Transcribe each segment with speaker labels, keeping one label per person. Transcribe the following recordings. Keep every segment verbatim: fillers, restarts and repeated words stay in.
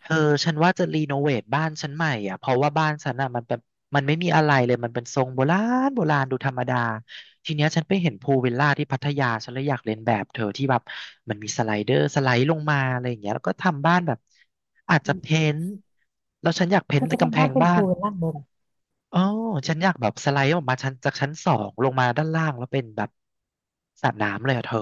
Speaker 1: เธอฉันว่าจะรีโนเวทบ้านฉันใหม่อ่ะเพราะว่าบ้านฉันอ่ะมันเป็นมันไม่มีอะไรเลยมันเป็นทรงโบราณโบราณดูธรรมดาทีเนี้ยฉันไปเห็นพูลวิลล่าที่พัทยาฉันเลยอยากเลียนแบบเธอที่แบบมันมีสไลเดอร์สไลด์ลงมาอะไรอย่างเงี้ยแล้วก็ทำบ้านแบบอาจ
Speaker 2: อื
Speaker 1: จะเพ้
Speaker 2: ม
Speaker 1: นท์แล้วฉันอยากเพ้
Speaker 2: เธ
Speaker 1: นท์
Speaker 2: อ
Speaker 1: แต่
Speaker 2: จะ
Speaker 1: กำ
Speaker 2: ทำ
Speaker 1: แพ
Speaker 2: บ้าน
Speaker 1: ง
Speaker 2: เป็น
Speaker 1: บ้า
Speaker 2: ปู
Speaker 1: น
Speaker 2: วลล่างเลยเหรอ
Speaker 1: อ๋อฉันอยากแบบสไลด์ออกมาชั้นจากชั้นสองลงมาด้านล่างแล้วเป็นแบบสระน้ำเลยอ่ะเธอ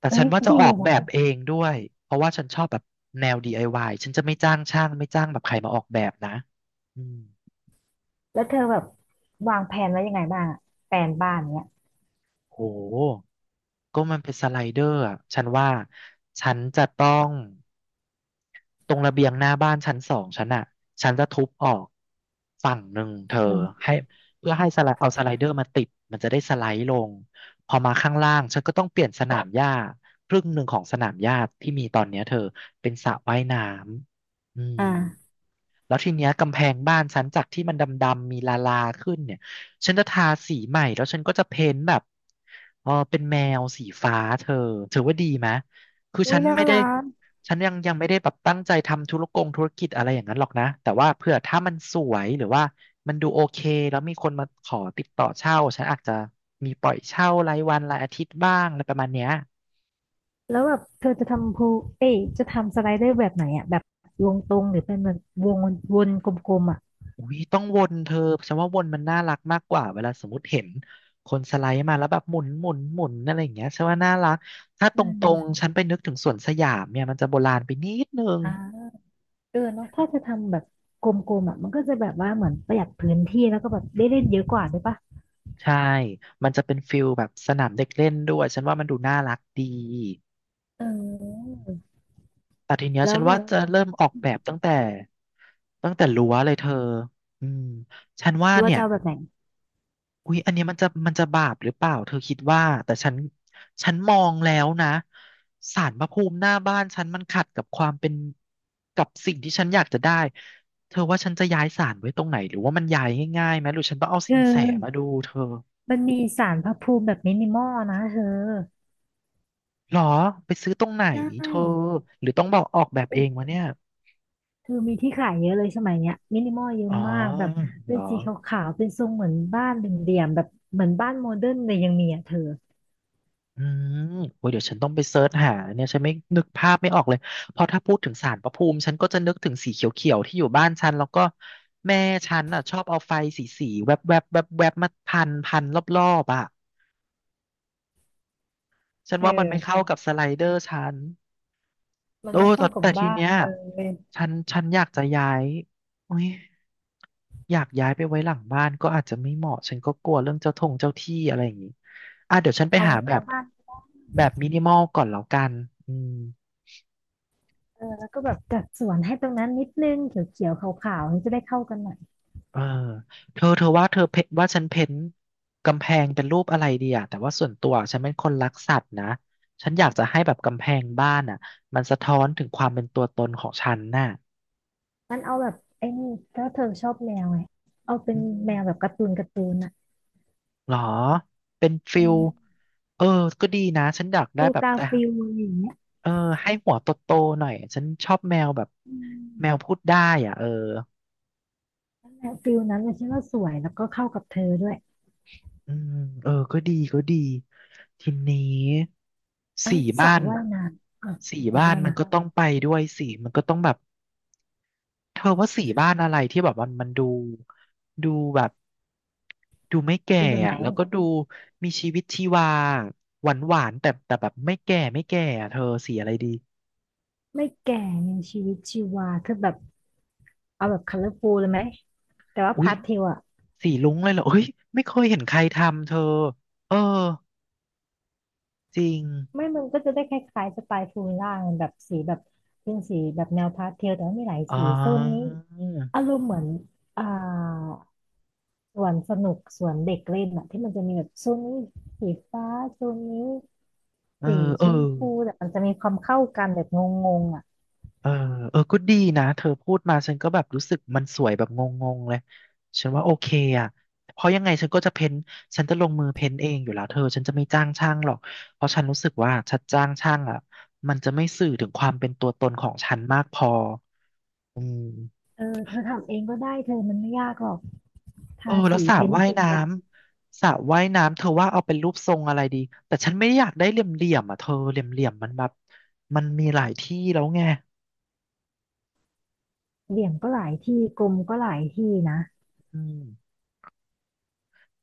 Speaker 1: แต่
Speaker 2: เอ้
Speaker 1: ฉั
Speaker 2: ย
Speaker 1: นว่าจะ
Speaker 2: ดี
Speaker 1: ออกแบบ
Speaker 2: ว่ะ
Speaker 1: เองด้วย เพราะว่าฉันชอบแบบแนว ดี ไอ วาย ฉันจะไม่จ้างช่างไม่จ้างแบบใครมาออกแบบนะอืม
Speaker 2: แล้วเธอแบบวางแผนไว้ยังไงบ้างอะแผนบ้านเนี้ย
Speaker 1: โหก็มันเป็นสไลเดอร์อะฉันว่าฉันจะต้องตรงระเบียงหน้าบ้านชั้นสองฉันอะฉันจะทุบออกฝั่งหนึ่งเธอ
Speaker 2: อืม
Speaker 1: ให้เพื่อให้สไลด์เอาสไลเดอร์มาติดมันจะได้สไลด์ลงพอมาข้างล่างฉันก็ต้องเปลี่ยนสนามหญ้าครึ่งหนึ่งของสนามหญ้าที่มีตอนเนี้ยเธอเป็นสระว่ายน้ำอืม
Speaker 2: อ่า
Speaker 1: แล้วทีเนี้ยกำแพงบ้านฉันจากที่มันดำๆมีลาลาขึ้นเนี่ยฉันจะทาสีใหม่แล้วฉันก็จะเพ้นท์แบบเออเป็นแมวสีฟ้าเธอถือว่าดีไหมคือ
Speaker 2: อุ้
Speaker 1: ฉั
Speaker 2: ย
Speaker 1: น
Speaker 2: น่า
Speaker 1: ไม่ได้
Speaker 2: รัก
Speaker 1: ฉันยังยังไม่ได้แบบตั้งใจทำธุรกงธุรกิจอะไรอย่างนั้นหรอกนะแต่ว่าเผื่อถ้ามันสวยหรือว่ามันดูโอเคแล้วมีคนมาขอติดต่อเช่าฉันอาจจะมีปล่อยเช่ารายวันรายอาทิตย์บ้างอะไรประมาณเนี้ย
Speaker 2: แล้วแบบเธอจะทำพูเอ้ยจะทำสไลเดอร์แบบไหนอ่ะแบบวงตรงหรือเป็นแบบวงวนกลมๆอ่ะ
Speaker 1: อุ้ยต้องวนเธอฉันว่าวนมันน่ารักมากกว่าเวลาสมมติเห็นคนสไลด์มาแล้วแบบหมุนหมุนหมุนอะไรอย่างเงี้ยฉันว่าน่ารักถ้าต
Speaker 2: อื
Speaker 1: รงๆ
Speaker 2: ม
Speaker 1: ฉันไปนึกถึงสวนสยามเนี่ยมันจะโบราณไปนิดนึง
Speaker 2: อ่าเออเนาะถ้าจะทำแบบกลมๆอ่ะมันก็จะแบบว่าเหมือนประหยัดพื้นที่แล้วก็แบบได้เล่นเยอะกว่าด้วยปะ
Speaker 1: ใช่มันจะเป็นฟิลแบบสนามเด็กเล่นด้วยฉันว่ามันดูน่ารักดี
Speaker 2: เออ
Speaker 1: แต่ทีเนี้ย
Speaker 2: แล้
Speaker 1: ฉั
Speaker 2: ว
Speaker 1: น
Speaker 2: แบ
Speaker 1: ว่า
Speaker 2: บ
Speaker 1: จะเริ่มออกแบบตั้งแต่ตั้งแต่รั้วเลยเธออืมฉันว่า
Speaker 2: รั้ว
Speaker 1: เนี่ย
Speaker 2: จะเอาแบบไหน
Speaker 1: อุ๊ยอันเนี้ยมันจะมันจะบาปหรือเปล่าเธอคิดว่าแต่ฉันฉันมองแล้วนะศาลพระภูมิหน้าบ้านฉันมันขัดกับความเป็นกับสิ่งที่ฉันอยากจะได้เธอว่าฉันจะย้ายศาลไว้ตรงไหนหรือว่ามันย้ายง่ายๆไหมหรือฉันต้องเอา
Speaker 2: เธ
Speaker 1: สินแส
Speaker 2: อ
Speaker 1: มาดูเธอ
Speaker 2: มันมีศาลพระภูมิแบบมินิมอลนะเธอ
Speaker 1: หรอไปซื้อตรงไหน
Speaker 2: ได้
Speaker 1: เธอหรือต้องบอกออกแบบ
Speaker 2: โอ
Speaker 1: เอง
Speaker 2: ้
Speaker 1: วะเนี่ย
Speaker 2: คือมีที่ขายเยอะเลยสมัยเนี้ยมินิมอลเยอะ
Speaker 1: อ๋อ
Speaker 2: มากแบบ
Speaker 1: หร
Speaker 2: เป็น
Speaker 1: อ
Speaker 2: สีขาวๆเป็นทรงเหมือนบ้านเหลี่ยมๆแบบเหมือนบ้านโมเดิร์นเลยยังมีอ่ะเธอ
Speaker 1: อืมโอ้ยเดี๋ยวฉันต้องไปเซิร์ชหาเนี่ยฉันไม่นึกภาพไม่ออกเลย เพราะถ้าพูดถึงศาลพระภูมิ ฉันก็จะนึกถึงสีเขียวๆที่อยู่บ้านฉัน แล้วก็แม่ฉันอ่ะชอบเอาไฟสีสีแวบๆแวบๆแวบๆมาพันพันรอบๆอ่ะ ฉัน
Speaker 2: เธอ
Speaker 1: ว่ามันไม่เข้ากับสไลเดอร์ฉัน
Speaker 2: มัน
Speaker 1: โอ้
Speaker 2: ไม่เข้า
Speaker 1: แต่
Speaker 2: กับ
Speaker 1: แต่ที
Speaker 2: บ้าน
Speaker 1: เนี้ย
Speaker 2: เลย
Speaker 1: ฉันฉันอยากจะย้ายโอ้ยอยากย้ายไปไว้หลังบ้านก็อาจจะไม่เหมาะ ฉันก็กลัวเรื่องเจ้าทงเจ้าที่อะไรอย่างงี้อ่ะเดี๋ยวฉันไป
Speaker 2: เอา
Speaker 1: หา
Speaker 2: ไว้ห
Speaker 1: แบ
Speaker 2: น้า
Speaker 1: บ
Speaker 2: บ้าน
Speaker 1: แบบมินิมอลก่อนแล้วกันอืม
Speaker 2: เออแล้วก็แบบจัดสวนให้ตรงนั้นนิดนึงเขียวๆขาวๆมันจะได้เข้ากันหน่อย
Speaker 1: เออเธอเธอว่าเธอเพว่าฉันเพ้นท์กำแพงเป็นรูปอะไรดีอะแต่ว่าส่วนตัวฉันเป็นคนรักสัตว์นะฉันอยากจะให้แบบกำแพงบ้านอ่ะมันสะท้อนถึงความเป็นตัวตนของฉันน่ะ
Speaker 2: มันเอาแบบไอ้นี่ถ้าเธอชอบแมวไงเอาเป็
Speaker 1: อื
Speaker 2: นแมวแบบ
Speaker 1: ม
Speaker 2: การ์ตูนการ์ตูนอ่ะ
Speaker 1: หรอเป็นฟิ
Speaker 2: เอ
Speaker 1: ล
Speaker 2: อ
Speaker 1: เออก็ดีนะฉันอยากได้
Speaker 2: ฟิล
Speaker 1: แบบ
Speaker 2: กา
Speaker 1: แต่
Speaker 2: ฟิลอะไรอย่างเงี้ย
Speaker 1: เออให้หัวโตๆหน่อยฉันชอบแมวแบบ
Speaker 2: อืม
Speaker 1: แมวพูดได้อ่ะเออ
Speaker 2: นั่นแหละฟิลนั้นเลยฉันว่าสวยแล้วก็เข้ากับเธอด้วย
Speaker 1: อืมเออก็ดีก็ดีทีนี้
Speaker 2: เอ่ะ
Speaker 1: สี
Speaker 2: สระ
Speaker 1: บ้าน
Speaker 2: ว่าย
Speaker 1: อะ
Speaker 2: น้ำอ่ะ
Speaker 1: สี
Speaker 2: อยู่
Speaker 1: บ้าน
Speaker 2: บ้าน
Speaker 1: มัน
Speaker 2: มา
Speaker 1: ก็ต้องไปด้วยสีมันก็ต้องแบบเธอว่าสีบ้านอะไรที่แบบมันมันดูดูแบบดูไม่แก่
Speaker 2: เปแบบไห
Speaker 1: อะ
Speaker 2: น
Speaker 1: แล้วก็
Speaker 2: อ
Speaker 1: ดูมีชีวิตชีวาหวานหวานแต่แต่แบบไม่แก่ไม่แก่อะเธอสีอะไรดี
Speaker 2: ไม่แก่ไงชีวิตชีวาคือแบบเอาแบบค o l o ล f u l ูลเลยไหมแต่ว่า
Speaker 1: อุ้ย
Speaker 2: พาสเทลอ่ะ
Speaker 1: สีลุ้งเลยเหรออุ้ยไม่เคยเห็นใครทำเธอเออจริง
Speaker 2: ไม่มันก็จะได้คล้ายๆสไตล์ฟูลล่างแบบสีแบบเป็นสีแบบแนวพาสเทลแต่ว่ามีหลาย
Speaker 1: อ๋อ
Speaker 2: สีโซนนี้อารมณ์เหมือนอ่าสวนสนุกสวนเด็กเล่นอะที่มันจะมีแบบโซนนี้สีฟ้าโซนนี้
Speaker 1: เออ
Speaker 2: สี
Speaker 1: เอ
Speaker 2: ช
Speaker 1: อ
Speaker 2: มพูแต่มันจะมีความเข้ากันแบบงงๆอ่ะ
Speaker 1: เออเออก็ดีนะเธอพูดมาฉันก็แบบรู้สึกมันสวยแบบงงๆเลยฉันว่าโอเคอ่ะเพราะยังไงฉันก็จะเพ้นฉันจะลงมือเพ้นเองอยู่แล้วเธอฉันจะไม่จ้างช่างหรอกเพราะฉันรู้สึกว่าฉันจ้างช่างอ่ะมันจะไม่สื่อถึงความเป็นตัวตนของฉันมากพออืม
Speaker 2: เออเธอทำเองก็ได้เธอมันไม่ยากหรอก
Speaker 1: เอ
Speaker 2: ทา
Speaker 1: อแล้ว
Speaker 2: สี
Speaker 1: สระ
Speaker 2: เพ้น
Speaker 1: ว่าย
Speaker 2: สี
Speaker 1: น้
Speaker 2: อะ
Speaker 1: ำสระว่ายน้ำเธอว่าเอาเป็นรูปทรงอะไรดีแต่ฉันไม่ได้อยากได้เหลี่ยมๆอ่ะเธอเหลี่ยมๆมันแบบมันมีหลายที่แล้วไง
Speaker 2: เหลี่ยมก็หลายที่กลมก็หลายที่นะ
Speaker 1: อืม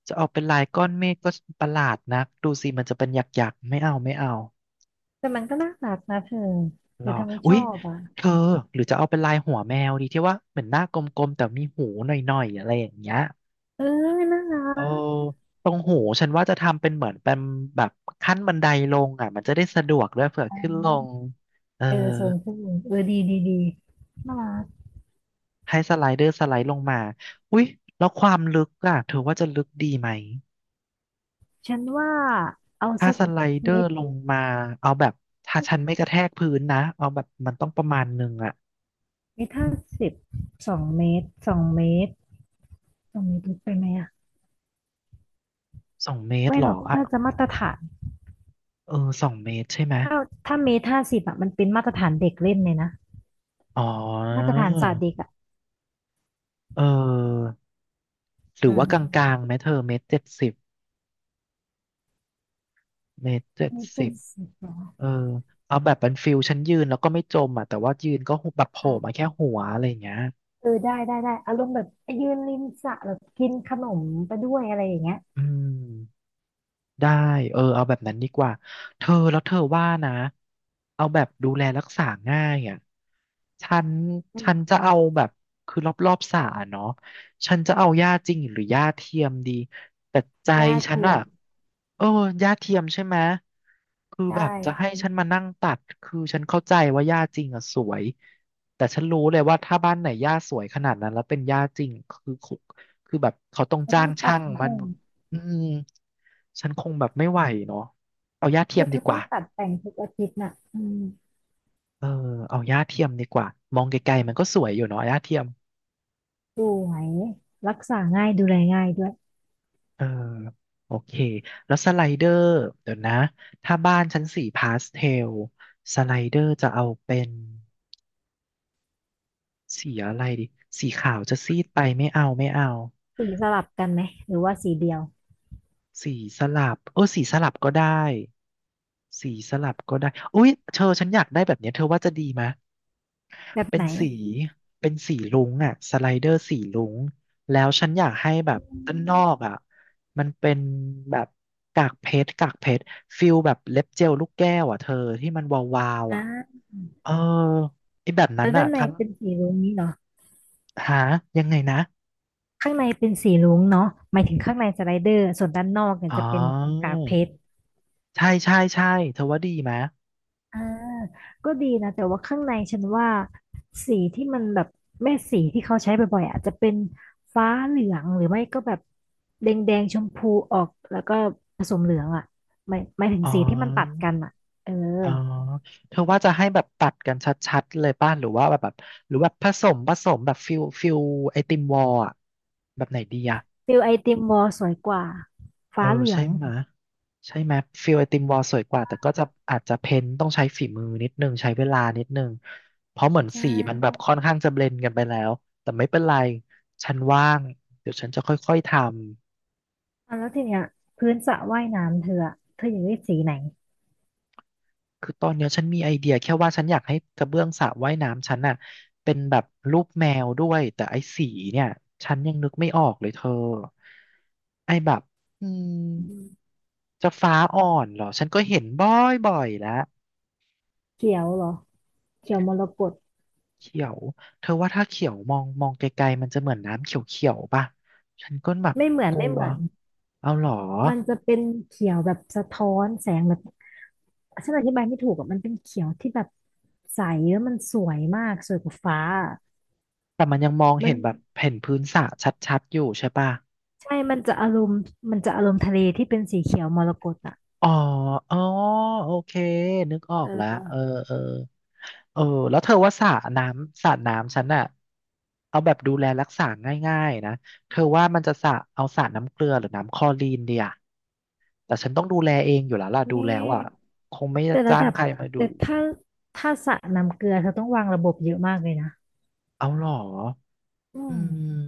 Speaker 1: จะเอาเป็นลายก้อนเมฆก็ประหลาดนักดูสิมันจะเป็นหยักๆไม่เอาไม่เอา
Speaker 2: แต่มันก็น่ารักนะเธอห
Speaker 1: หร
Speaker 2: รือ
Speaker 1: อ
Speaker 2: เธอไม่
Speaker 1: อุ๊
Speaker 2: ชอ
Speaker 1: ย
Speaker 2: บอ่ะ
Speaker 1: เธอหรือจะเอาเป็นลายหัวแมวดีที่ว่าเหมือนหน้ากลมๆแต่มีหูหน่อยๆอะไรอย่างเงี้ย
Speaker 2: เออน่า
Speaker 1: เออ
Speaker 2: รัก
Speaker 1: ตรงหูฉันว่าจะทำเป็นเหมือนเป็นแบบขั้นบันไดลงอ่ะมันจะได้สะดวกด้วยเผื่อขึ้นลงเออ
Speaker 2: เออโซนผู้หญิงเออดีดีดีน่ารัก
Speaker 1: ให้สไลเดอร์สไลด์ลงมาอุ๊ยแล้วความลึกอ่ะเธอว่าจะลึกดีไหม
Speaker 2: ฉันว่าเอา
Speaker 1: ถ้า
Speaker 2: สัก
Speaker 1: สไลเดอ
Speaker 2: เม
Speaker 1: ร์
Speaker 2: ตร
Speaker 1: ลงมาเอาแบบถ้าฉันไม่กระแทกพื้นนะเอาแบบมันต้องประมาณหนึ่งอ่ะ
Speaker 2: เมตรห้าสิบสองเมตรสองเมตรสองเมตรลึกไปไหมอ่ะ
Speaker 1: สองเมตร
Speaker 2: ไม่
Speaker 1: เหร
Speaker 2: หร
Speaker 1: อ
Speaker 2: อก
Speaker 1: อ่ะ
Speaker 2: น่าจะมาตรฐาน
Speaker 1: เออสองเมตรใช่ไหม
Speaker 2: ถ้าถ้าเมตรห้าสิบอ่ะมันเป็นมาตรฐานเด็กเล่นเลยนะ
Speaker 1: อ๋
Speaker 2: มาตร
Speaker 1: อ
Speaker 2: ฐานศาสตร์เด็กอ่ะ
Speaker 1: เออ หรื
Speaker 2: อื
Speaker 1: อว่าก
Speaker 2: ม
Speaker 1: ลางๆไหมเธอเมตรเจ็ดสิบเมตรเจ็ด
Speaker 2: เมตร
Speaker 1: สิ
Speaker 2: เจ็
Speaker 1: บ
Speaker 2: ดสิบเหรอ
Speaker 1: เออ เอาแบบเป็นฟิลฉันยืนแล้วก็ไม่จมอ่ะแต่ว่ายืนก็แบบโผล่
Speaker 2: อ่ะ
Speaker 1: มาแค่หัวอะไรอย่างเงี้ย
Speaker 2: เออได้ได้ได้อารมณ์แบบยืนริมสระแบบกินขนมไปด้วยอะไรอย่างเงี้ย
Speaker 1: อืม ได้เออเอาแบบนั้นดีกว่าเธอแล้วเธอว่านะเอาแบบดูแลรักษาง่ายอ่ะฉัน
Speaker 2: อื
Speaker 1: ฉั
Speaker 2: ม
Speaker 1: นจะเอาแบบคือรอบรอบสระเนาะฉันจะเอาหญ้าจริงหรือหญ้าเทียมดีแต่ใจ
Speaker 2: หญ้า
Speaker 1: ฉัน
Speaker 2: เทีย
Speaker 1: อ่ะ
Speaker 2: ม
Speaker 1: เออหญ้าเทียมใช่ไหมคือ
Speaker 2: ใช
Speaker 1: แบบจะ
Speaker 2: ่
Speaker 1: ให้ฉันมานั่งตัดคือฉันเข้าใจว่าหญ้าจริงอ่ะสวยแต่ฉันรู้เลยว่าถ้าบ้านไหนหญ้าสวยขนาดนั้นแล้วเป็นหญ้าจริงคือคือแบบเขาต้อง
Speaker 2: เธอ
Speaker 1: จ้า
Speaker 2: ต้อ
Speaker 1: ง
Speaker 2: งตัด
Speaker 1: ช่าง
Speaker 2: ผ
Speaker 1: มัน
Speaker 2: ม
Speaker 1: อืม ฉันคงแบบไม่ไหวเนาะเอาหญ้าเทีย
Speaker 2: คื
Speaker 1: ม
Speaker 2: อเธ
Speaker 1: ดี
Speaker 2: อ
Speaker 1: ก
Speaker 2: ต้อ
Speaker 1: ว่า
Speaker 2: งตัดแต่งทุกอาทิตย์น่ะอืม
Speaker 1: เออเอาหญ้าเทียมดีกว่ามองไกลๆมันก็สวยอยู่เนาะหญ้าเทียม
Speaker 2: สวยรักษาง่ายดูแลง่ายด้วย
Speaker 1: เออโอเคแล้วสไลเดอร์เดี๋ยวนะถ้าบ้านชั้นสีพาสเทลสไลเดอร์จะเอาเป็นสีอะไรดีสีขาวจะซีดไปไม่เอาไม่เอา
Speaker 2: สีสลับกันไหมหรือว่าสีเดียว
Speaker 1: สีสลับเออสีสลับก็ได้สีสลับก็ได้อุ๊ยเธอฉันอยากได้แบบเนี้ยเธอว่าจะดีไหม
Speaker 2: แบบ
Speaker 1: เป็
Speaker 2: ไห
Speaker 1: น
Speaker 2: น
Speaker 1: สี เป็นสีรุ้งอ่ะสไลเดอร์สีรุ้ง แล้วฉันอยากให้แบบ
Speaker 2: อื
Speaker 1: ด้านน
Speaker 2: ม
Speaker 1: อกอ่ะมันเป็นแบบกากเพชรกากเพชรฟิลแบบเล็บเจลลูกแก้วอ่ะเธอที่มันวาวๆ
Speaker 2: อ่
Speaker 1: อ่ะ
Speaker 2: า
Speaker 1: เออไอ้แบบนั้
Speaker 2: แล้
Speaker 1: น
Speaker 2: วด้า
Speaker 1: อ่ะ
Speaker 2: นใน
Speaker 1: ทั้ง
Speaker 2: เป็นสีรุ้งนี้เนาะ
Speaker 1: หายังไงนะ
Speaker 2: ข้างในเป็นสีรุ้งเนาะหมายถึงข้างในสไลเดอร์ส่วนด้านนอกเนี่ย
Speaker 1: อ๋อ
Speaker 2: จะเป็นกากเพชร
Speaker 1: ใช่ใช่ใช่เธอว่าดีไหม
Speaker 2: อ่าก็ดีนะแต่ว่าข้างในฉันว่าสีที่มันแบบแม่สีที่เขาใช้บ่อยๆอาจจะเป็นฟ้าเหลืองหรือไม่ก็แบบแดงแดงชมพูออกแล้วก็ผสมเหลืองอ่ะหมายหมายถึง
Speaker 1: อ๋
Speaker 2: สีที่มันตัด
Speaker 1: อ
Speaker 2: กันอ่ะเออ
Speaker 1: อ๋อเธอว่าจะให้แบบตัดกันชัดๆเลยป่ะหรือว่าแบบแบบหรือแบบผสมผสมแบบฟิลฟิลไอติมวอลอะแบบไหนดีอะ
Speaker 2: ฟิลไอติมวอลสวยกว่า
Speaker 1: เออ
Speaker 2: ฟ้าเหลือ
Speaker 1: ใช่
Speaker 2: ง
Speaker 1: ไหมะใช่ไหมยฟิลไอติมวอลสวยกว่าแต่ก็จะอาจจะเพ้นท์ต้องใช้ฝีมือนิดนึงใช้เวลานิดนึงเพราะเหมือน
Speaker 2: ใช่
Speaker 1: สีมันแบบค่อนข้างจะเบลนด์กันไปแล้วแต่ไม่เป็นไรฉันว่างเดี๋ยวฉันจะค่อยๆทำ
Speaker 2: อ่ะแล้วทีเนี้ยพื้นสระว่ายน้ำเธออะเธออยากได้สีไหน
Speaker 1: คือตอนเนี้ยฉันมีไอเดียแค่ว่าฉันอยากให้กระเบื้องสระว่ายน้ำฉันน่ะเป็นแบบรูปแมวด้วยแต่ไอ้สีเนี่ยฉันยังนึกไม่ออกเลยเธอไอ้แบบอืมจะฟ้าอ่อนเหรอฉันก็เห็นบ่อยๆแล้ว
Speaker 2: เขียวเหรอเขียวมรกต
Speaker 1: เขียวเธอว่าถ้าเขียวมองมองไกลๆมันจะเหมือนน้ำเขียวๆป่ะฉันก็แบบ
Speaker 2: ไม่เหมือ
Speaker 1: ก
Speaker 2: น
Speaker 1: ลั
Speaker 2: ไม่เห
Speaker 1: ว
Speaker 2: มือน
Speaker 1: เอาหรอ
Speaker 2: มันจะเป็นเขียวแบบสะท้อนแสงแบบ ฉันอธิบายไม่ถูกอะมันเป็นเขียวที่แบบใสแล้วมันสวยมากสวยกว่าฟ้าอะ
Speaker 1: แต่มันยังมอง
Speaker 2: มั
Speaker 1: เห็
Speaker 2: น
Speaker 1: นแบบเห็นพื้นสระชัดๆอยู่ใช่ป่ะ
Speaker 2: ใช่มันจะอารมณ์มันจะอารมณ์ทะเลที่เป็นสีเขียวมรกตอ่ะ
Speaker 1: อ๋ออ๋อโอเคนึกออกแล้ว
Speaker 2: เออ
Speaker 1: เออเออเออแล้วเธอว่าสระน้ำสระน้ำฉันอะเอาแบบดูแลรักษาง่ายๆนะเธอว่ามันจะสระเอาสระน้ำเกลือหรือน้ำคลอรีนเดียแต่ฉันต้องดูแลเองอยู่แล้วล่ะดู
Speaker 2: เนี่
Speaker 1: แล้ว
Speaker 2: ย
Speaker 1: อ่ะคงไม่
Speaker 2: แต่ระ
Speaker 1: จ้า
Speaker 2: ดั
Speaker 1: ง
Speaker 2: บ
Speaker 1: ใครมาดู
Speaker 2: แต่ถ้าถ้าสระน้ำเกลือเธอต้องวางระบบเยอะมากเลยนะ
Speaker 1: เอาหรอ
Speaker 2: อื
Speaker 1: อื
Speaker 2: ม
Speaker 1: ม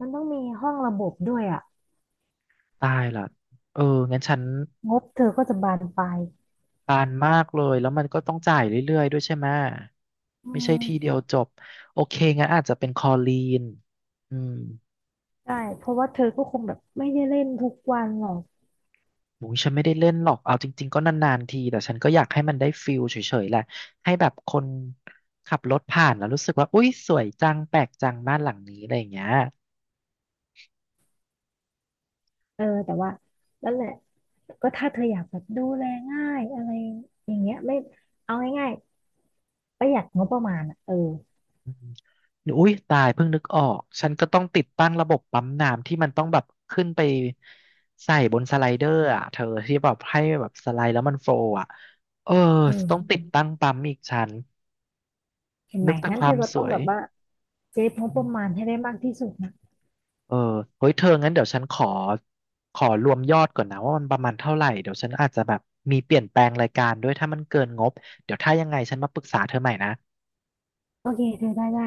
Speaker 2: มันต้องมีห้องระบบด้วยอ่ะ
Speaker 1: ตายละเออ งั้นฉัน
Speaker 2: งบเธอก็จะบานปลาย
Speaker 1: ปานมากเลย แล้วมันก็ต้องจ่ายเรื่อยๆด้วยใช่ไหม
Speaker 2: อื
Speaker 1: ไม่ใช่
Speaker 2: ม
Speaker 1: ทีเดียวจบ โอเคงั้นอาจจะเป็นคอลีน อืม
Speaker 2: ใช่เพราะว่าเธอก็คงแบบไม่ได้เล่นทุกวันหรอก
Speaker 1: หมูฉันไม่ได้เล่นหรอก เอาจริงๆก็นานๆที แต่ฉันก็อยากให้มันได้ฟิลเฉยๆแหละให้แบบคนขับรถผ่านแล้วรู้สึกว่า อุ๊ยสวยจัง แปลกจังบ้านหลังนี้อะไรอย่างเงี้ย
Speaker 2: เออแต่ว่านั่นแหละ ก็ถ้าเธออยากแบบดูแลง่ายอะไรอย่างเงี้ยไม่เอาง่ายๆประหยัดงบประมาณอ่ะเออ
Speaker 1: อุ้ยตายเพิ่งนึกออกฉันก็ต้องติดตั้งระบบปั๊มน้ำที่มันต้องแบบขึ้นไปใส่บนสไลเดอร์อ่ะเธอที่แบบให้แบบสไลด์แล้วมันโฟลว์อ่ะเออต้อง
Speaker 2: เออ
Speaker 1: ติดตั้งปั๊มอีกชั้น
Speaker 2: เห็นไหม
Speaker 1: นึกแต่
Speaker 2: งั้
Speaker 1: ค
Speaker 2: นเธ
Speaker 1: วาม
Speaker 2: อก็
Speaker 1: ส
Speaker 2: ต้อง
Speaker 1: วย
Speaker 2: แบบว่าเซฟงบประมาณให้ได้มากที่สุดนะ
Speaker 1: เออเฮ้ยเธองั้นเดี๋ยวฉันขอขอรวมยอดก่อนนะว่ามันประมาณเท่าไหร่เดี๋ยวฉันอาจจะแบบมีเปลี่ยนแปลงรายการด้วยถ้ามันเกินงบเดี๋ยวถ้ายังไงฉันมาปรึกษาเธอใหม่นะ
Speaker 2: โอเคเธอได้ได้